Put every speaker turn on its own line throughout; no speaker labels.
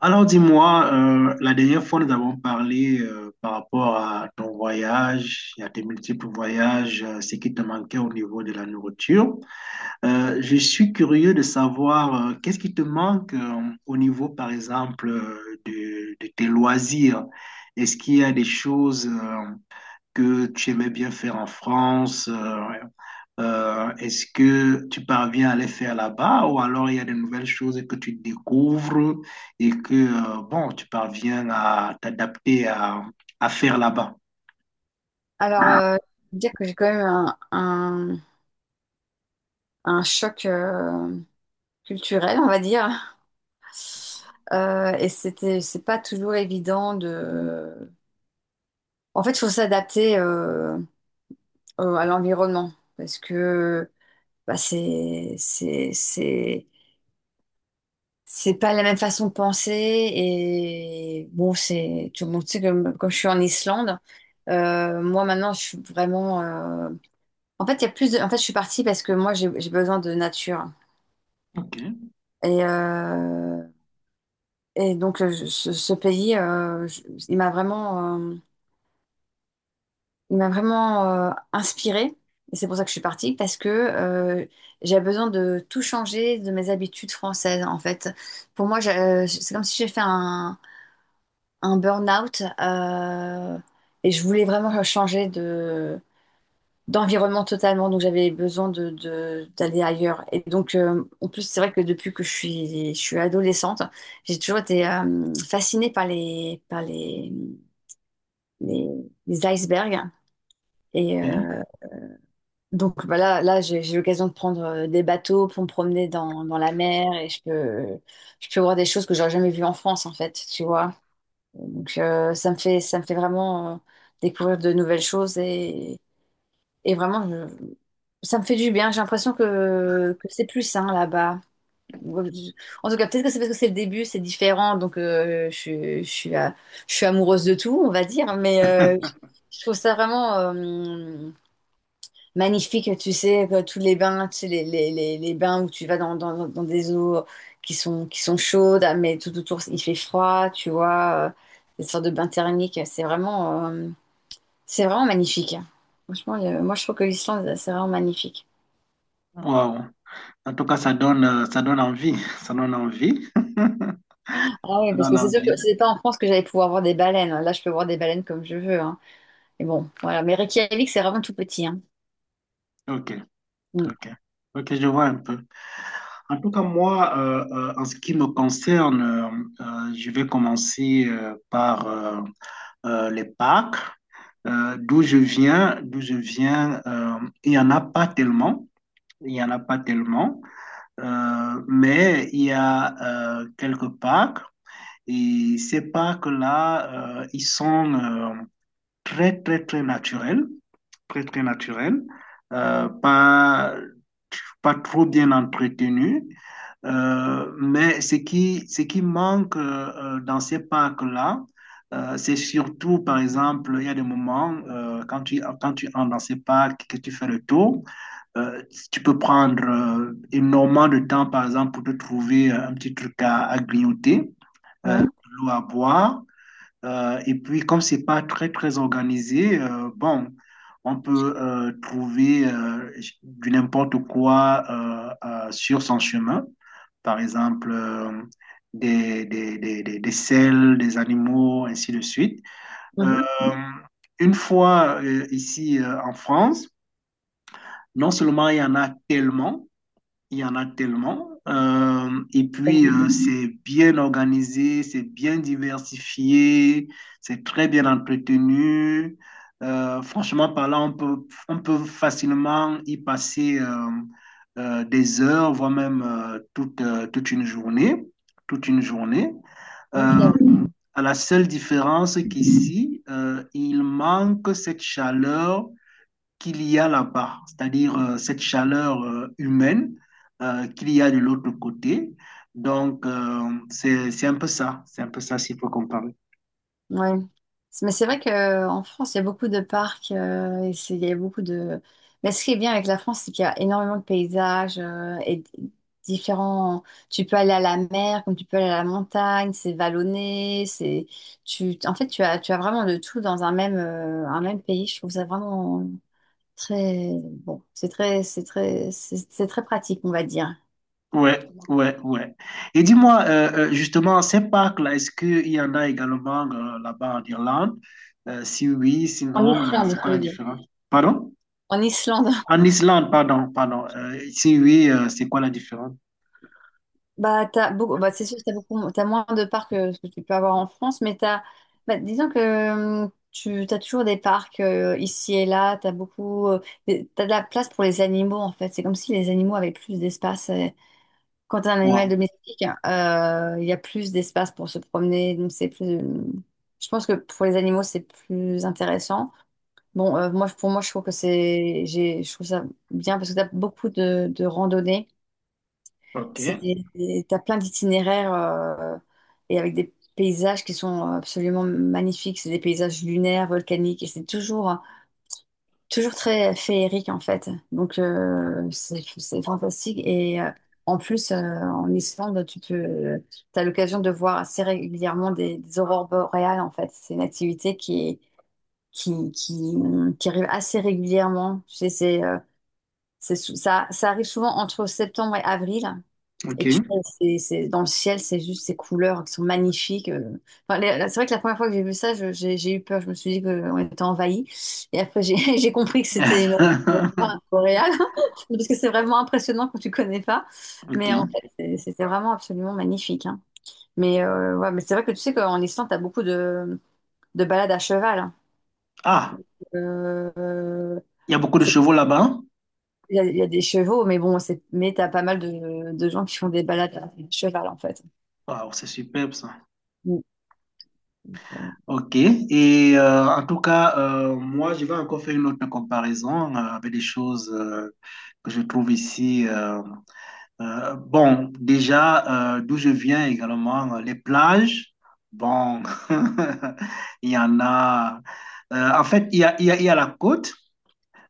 Alors dis-moi, la dernière fois nous avons parlé par rapport à ton voyage et à tes multiples voyages, ce qui te manquait au niveau de la nourriture. Je suis curieux de savoir qu'est-ce qui te manque au niveau, par exemple, de tes loisirs. Est-ce qu'il y a des choses que tu aimais bien faire en France, ouais. Est-ce que tu parviens à les faire là-bas, ou alors il y a de nouvelles choses que tu découvres et que tu parviens à t'adapter à faire là-bas?
Alors, euh, dire que j'ai quand même un choc culturel, on va dire. C'est pas toujours évident de. En fait, il faut s'adapter à l'environnement parce que bah, c'est, c'est, c'est, c'est pas la même façon de penser. Et bon, c'est tout le monde sait que quand je suis en Islande, moi maintenant, je suis vraiment. En fait, il y a plus de... En fait, je suis partie parce que moi, j'ai besoin de nature.
Ok,
Et, euh, et donc, ce pays, il m'a vraiment, il m'a vraiment inspirée. Et c'est pour ça que je suis partie, parce que j'avais besoin de tout changer de mes habitudes françaises, en fait. Pour moi, c'est comme si j'ai fait un burn-out et je voulais vraiment changer d'environnement totalement, donc j'avais besoin de, d'aller ailleurs. Et donc, en plus, c'est vrai que depuis que je suis adolescente, j'ai toujours été fascinée par les, les icebergs. Et
ok.
euh, donc, bah là j'ai l'occasion de prendre des bateaux pour me promener dans la mer et je peux voir des choses que j'aurais jamais vues en France, en fait, tu vois. Donc, ça me fait vraiment découvrir de nouvelles choses. Et vraiment, ça me fait du bien. J'ai l'impression que c'est plus sain là-bas. En tout cas, peut-être que c'est parce que c'est le début, c'est différent. Donc, je suis je suis amoureuse de tout, on va dire. Mais je trouve ça vraiment magnifique, tu sais, que tous les bains, tu sais, les bains où tu vas dans des eaux qui qui sont chaudes, mais tout autour, il fait froid, tu vois. Des sortes de bains thermiques. C'est vraiment magnifique, hein. Franchement, moi je trouve que l'Islande, c'est vraiment magnifique.
Wow. En tout cas, ça donne envie. Ça donne envie.
Ah oui,
Ça
parce
donne
que c'est sûr
envie.
que c'était pas en France que j'allais pouvoir voir des baleines. Là, je peux voir des baleines comme je veux, hein. Mais bon, voilà. Mais Reykjavik, c'est vraiment tout petit, hein.
Ok,
Mm.
ok. Ok, je vois un peu. En tout cas, moi, en ce qui me concerne, je vais commencer par les parcs. D'où je viens, d'où je viens, il n'y en a pas tellement. Il n'y en a pas tellement. Mais il y a quelques parcs. Et ces parcs-là, ils sont très, très, très naturels, très, très naturel, pas, pas trop bien entretenu. Mais ce qui manque dans ces parcs-là, c'est surtout, par exemple, il y a des moments quand tu entres dans ces parcs, que tu fais le tour, euh, tu peux prendre énormément de temps, par exemple, pour te trouver un petit truc à grignoter, de
Ouais.
l'eau à boire. Et puis, comme c'est pas très, très organisé, bon, on peut trouver du n'importe quoi sur son chemin. Par exemple, des selles, des animaux, ainsi de suite.
Mhm.
Euh,
Oui,
une fois ici en France, non seulement il y en a tellement, il y en a tellement. Et
c'est
puis,
vrai.
c'est bien organisé, c'est bien diversifié, c'est très bien entretenu. Franchement parlant, on peut facilement y passer des heures, voire même toute, toute une journée. Toute une journée.
Ok,
Euh,
ouais.
à la seule différence qu'ici, il manque cette chaleur qu'il y a là-bas, c'est-à-dire cette chaleur humaine qu'il y a de l'autre côté. Donc, c'est un peu ça, c'est un peu ça s'il faut comparer.
Ouais. Mais c'est vrai qu'en France, il y a beaucoup de parcs, il y a beaucoup de... Mais ce qui est bien avec la France, c'est qu'il y a énormément de paysages et différents... Tu peux aller à la mer, comme tu peux aller à la montagne, c'est vallonné, c'est... Tu... En fait, tu as vraiment de tout dans un un même pays. Je trouve ça vraiment très... Bon, c'est très pratique, on va dire.
Ouais, ouais, ouais. Et dis-moi, justement, ces parcs-là, est-ce qu'il y en a également là-bas en Irlande? Si oui,
En
sinon,
Islande,
c'est quoi
je
la
veux dire.
différence? Pardon?
En Islande.
En Islande, pardon, pardon. Si oui, c'est quoi la différence?
Bah, t'as beaucoup, t'as moins de parcs que ce que tu peux avoir en France, mais t'as, bah, disons que tu as toujours des parcs ici et là, t'as de la place pour les animaux en fait. C'est comme si les animaux avaient plus d'espace. Quand t'as un animal
Wow.
domestique, il y a plus d'espace pour se promener, donc c'est plus. Je pense que pour les animaux, c'est plus intéressant. Bon, pour moi, je trouve que je trouve ça bien parce que t'as beaucoup de randonnées. C'est,
OK,
t'as plein d'itinéraires et avec des paysages qui sont absolument magnifiques. C'est des paysages lunaires, volcaniques et c'est toujours, toujours très féerique en fait. Donc c'est fantastique et en plus, en Islande, tu peux, t'as l'occasion de voir assez régulièrement des aurores boréales en fait. C'est une activité qui est- qui, qui, qui arrive assez régulièrement. Tu sais, ça arrive souvent entre septembre et avril. Et
OK.
tu vois, dans le ciel, c'est juste ces couleurs qui sont magnifiques. Enfin, c'est vrai que la première fois que j'ai vu ça, j'ai eu peur. Je me suis dit qu'on était envahi. Et après, j'ai j'ai compris que c'était une aurore boréale. Parce que c'est vraiment impressionnant quand tu connais pas.
OK.
Mais en fait, c'était vraiment absolument magnifique, hein. Mais, ouais, mais c'est vrai que tu sais qu'en Islande, tu as beaucoup de balades à cheval, hein.
Ah,
Euh,
il y a beaucoup
bon,
de
c'est-
chevaux là-bas, hein?
il y a des chevaux, mais bon, c'est, mais tu as pas mal de gens qui font des balades à cheval, en fait.
Waouh, c'est superbe ça.
Mm.
Ok. Et en tout cas, moi, je vais encore faire une autre comparaison avec des choses que je trouve ici. Bon, déjà, d'où je viens également, les plages. Bon, il y en a. En fait, il y a, il y a, il y a la côte.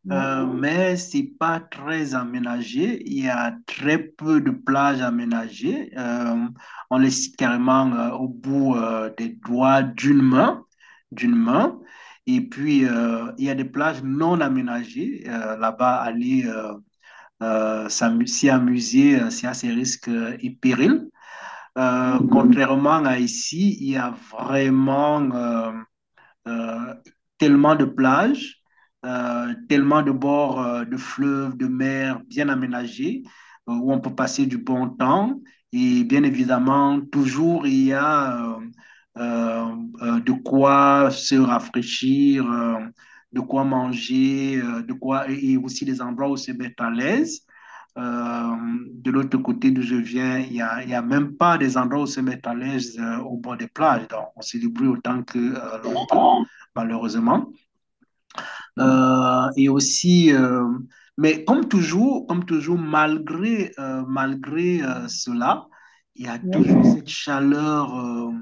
Ouais.
Mais c'est pas très aménagé. Il y a très peu de plages aménagées. On les cite carrément au bout des doigts d'une main, d'une main. Et puis il y a des plages non aménagées. Là-bas, aller s'y amuser, c'est à ses risques et périls. Contrairement à ici, il y a vraiment euh, tellement de plages, tellement de bords de fleuves, de mers bien aménagés, où on peut passer du bon temps. Et bien évidemment, toujours il y a euh, de quoi se rafraîchir, de quoi manger, de quoi et aussi des endroits où se mettre à l'aise. Euh, de l'autre côté d'où je viens, il y a même pas des endroits où se mettre à l'aise au bord des plages. Donc, on se débrouille autant que l'on peut malheureusement. Et aussi, mais comme toujours, malgré, malgré cela, il y a toujours
Merci.
cette chaleur euh,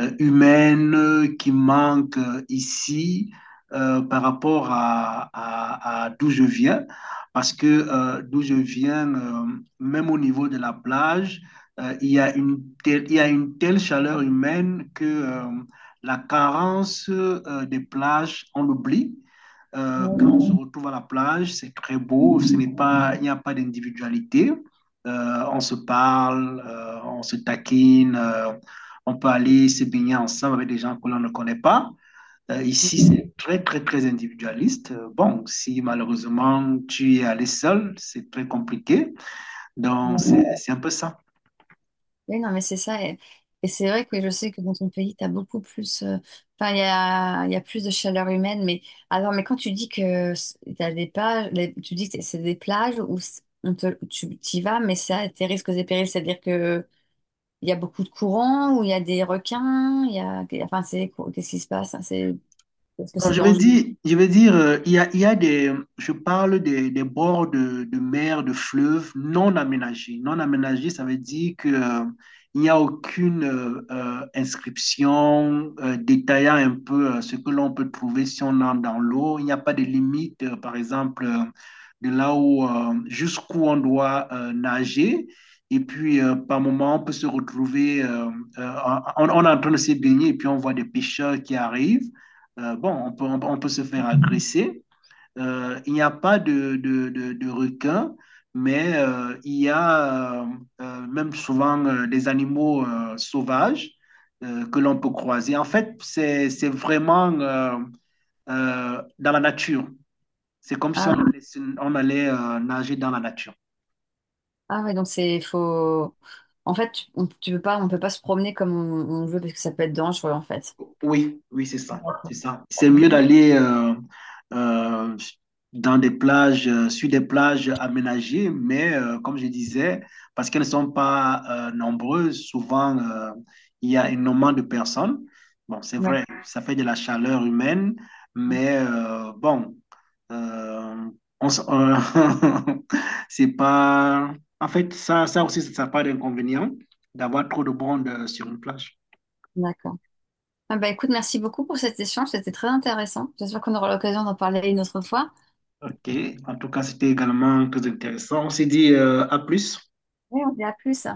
euh, humaine qui manque ici par rapport à d'où je viens, parce que d'où je viens, même au niveau de la plage, il y a une telle chaleur humaine que la carence des plages, on l'oublie.
Merci.
Quand on se retrouve à la plage, c'est très beau, ce n'est pas, il n'y a pas d'individualité. On se parle, on se taquine, on peut aller se baigner ensemble avec des gens que l'on ne connaît pas. Ici, c'est très, très, très individualiste. Bon, si malheureusement tu es allé seul, c'est très compliqué. Donc, c'est un peu ça.
Oui, non, mais c'est ça. Et c'est vrai que je sais que dans ton pays, tu as beaucoup plus. Enfin, il y a plus de chaleur humaine. Mais alors, mais quand tu dis que tu as des plages, tu dis que c'est des plages où tu y vas, mais ça a tes risques et périls. C'est-à-dire que il y a beaucoup de courants, où il y a des requins, il y a. Enfin, c'est. Qu'est-ce qui se passe, hein? C'est, est-ce que
Non,
c'est dangereux?
je vais dire, il y a des, je parle des bords de mer, de fleuves non aménagés. Non aménagés, ça veut dire que, il n'y a aucune inscription détaillant un peu ce que l'on peut trouver si on entre dans l'eau. Il n'y a pas de limite, par exemple, de là où, jusqu'où on doit nager. Et puis, par moment, on peut se retrouver, euh, on est en train de se baigner et puis on voit des pêcheurs qui arrivent. Bon, on peut se faire agresser. Il n'y a pas de requins, mais il y a même souvent des animaux sauvages que l'on peut croiser. En fait, c'est vraiment dans la nature. C'est comme si
Ah,
on allait, nager dans la nature.
ah ouais, donc c'est. Faut. En fait, tu peux pas, on peut pas se promener comme on veut parce que ça peut être dangereux, en fait.
Oui, oui, c'est ça, c'est
D'accord.
ça. C'est mieux d'aller euh, dans des plages, sur des plages aménagées, mais comme je disais, parce qu'elles ne sont pas nombreuses, souvent il y a énormément de personnes. Bon, c'est
Ouais,
vrai, ça fait de la chaleur humaine, mais bon, euh, on s- euh, c'est pas. En fait, ça aussi, ça n'a pas d'inconvénient d'avoir trop de monde sur une plage.
d'accord. Ah bah écoute, merci beaucoup pour cet échange, c'était très intéressant. J'espère qu'on aura l'occasion d'en parler une autre fois.
Ok, en tout cas, c'était également très intéressant. On s'est dit à plus.
Oui, on dit à plus.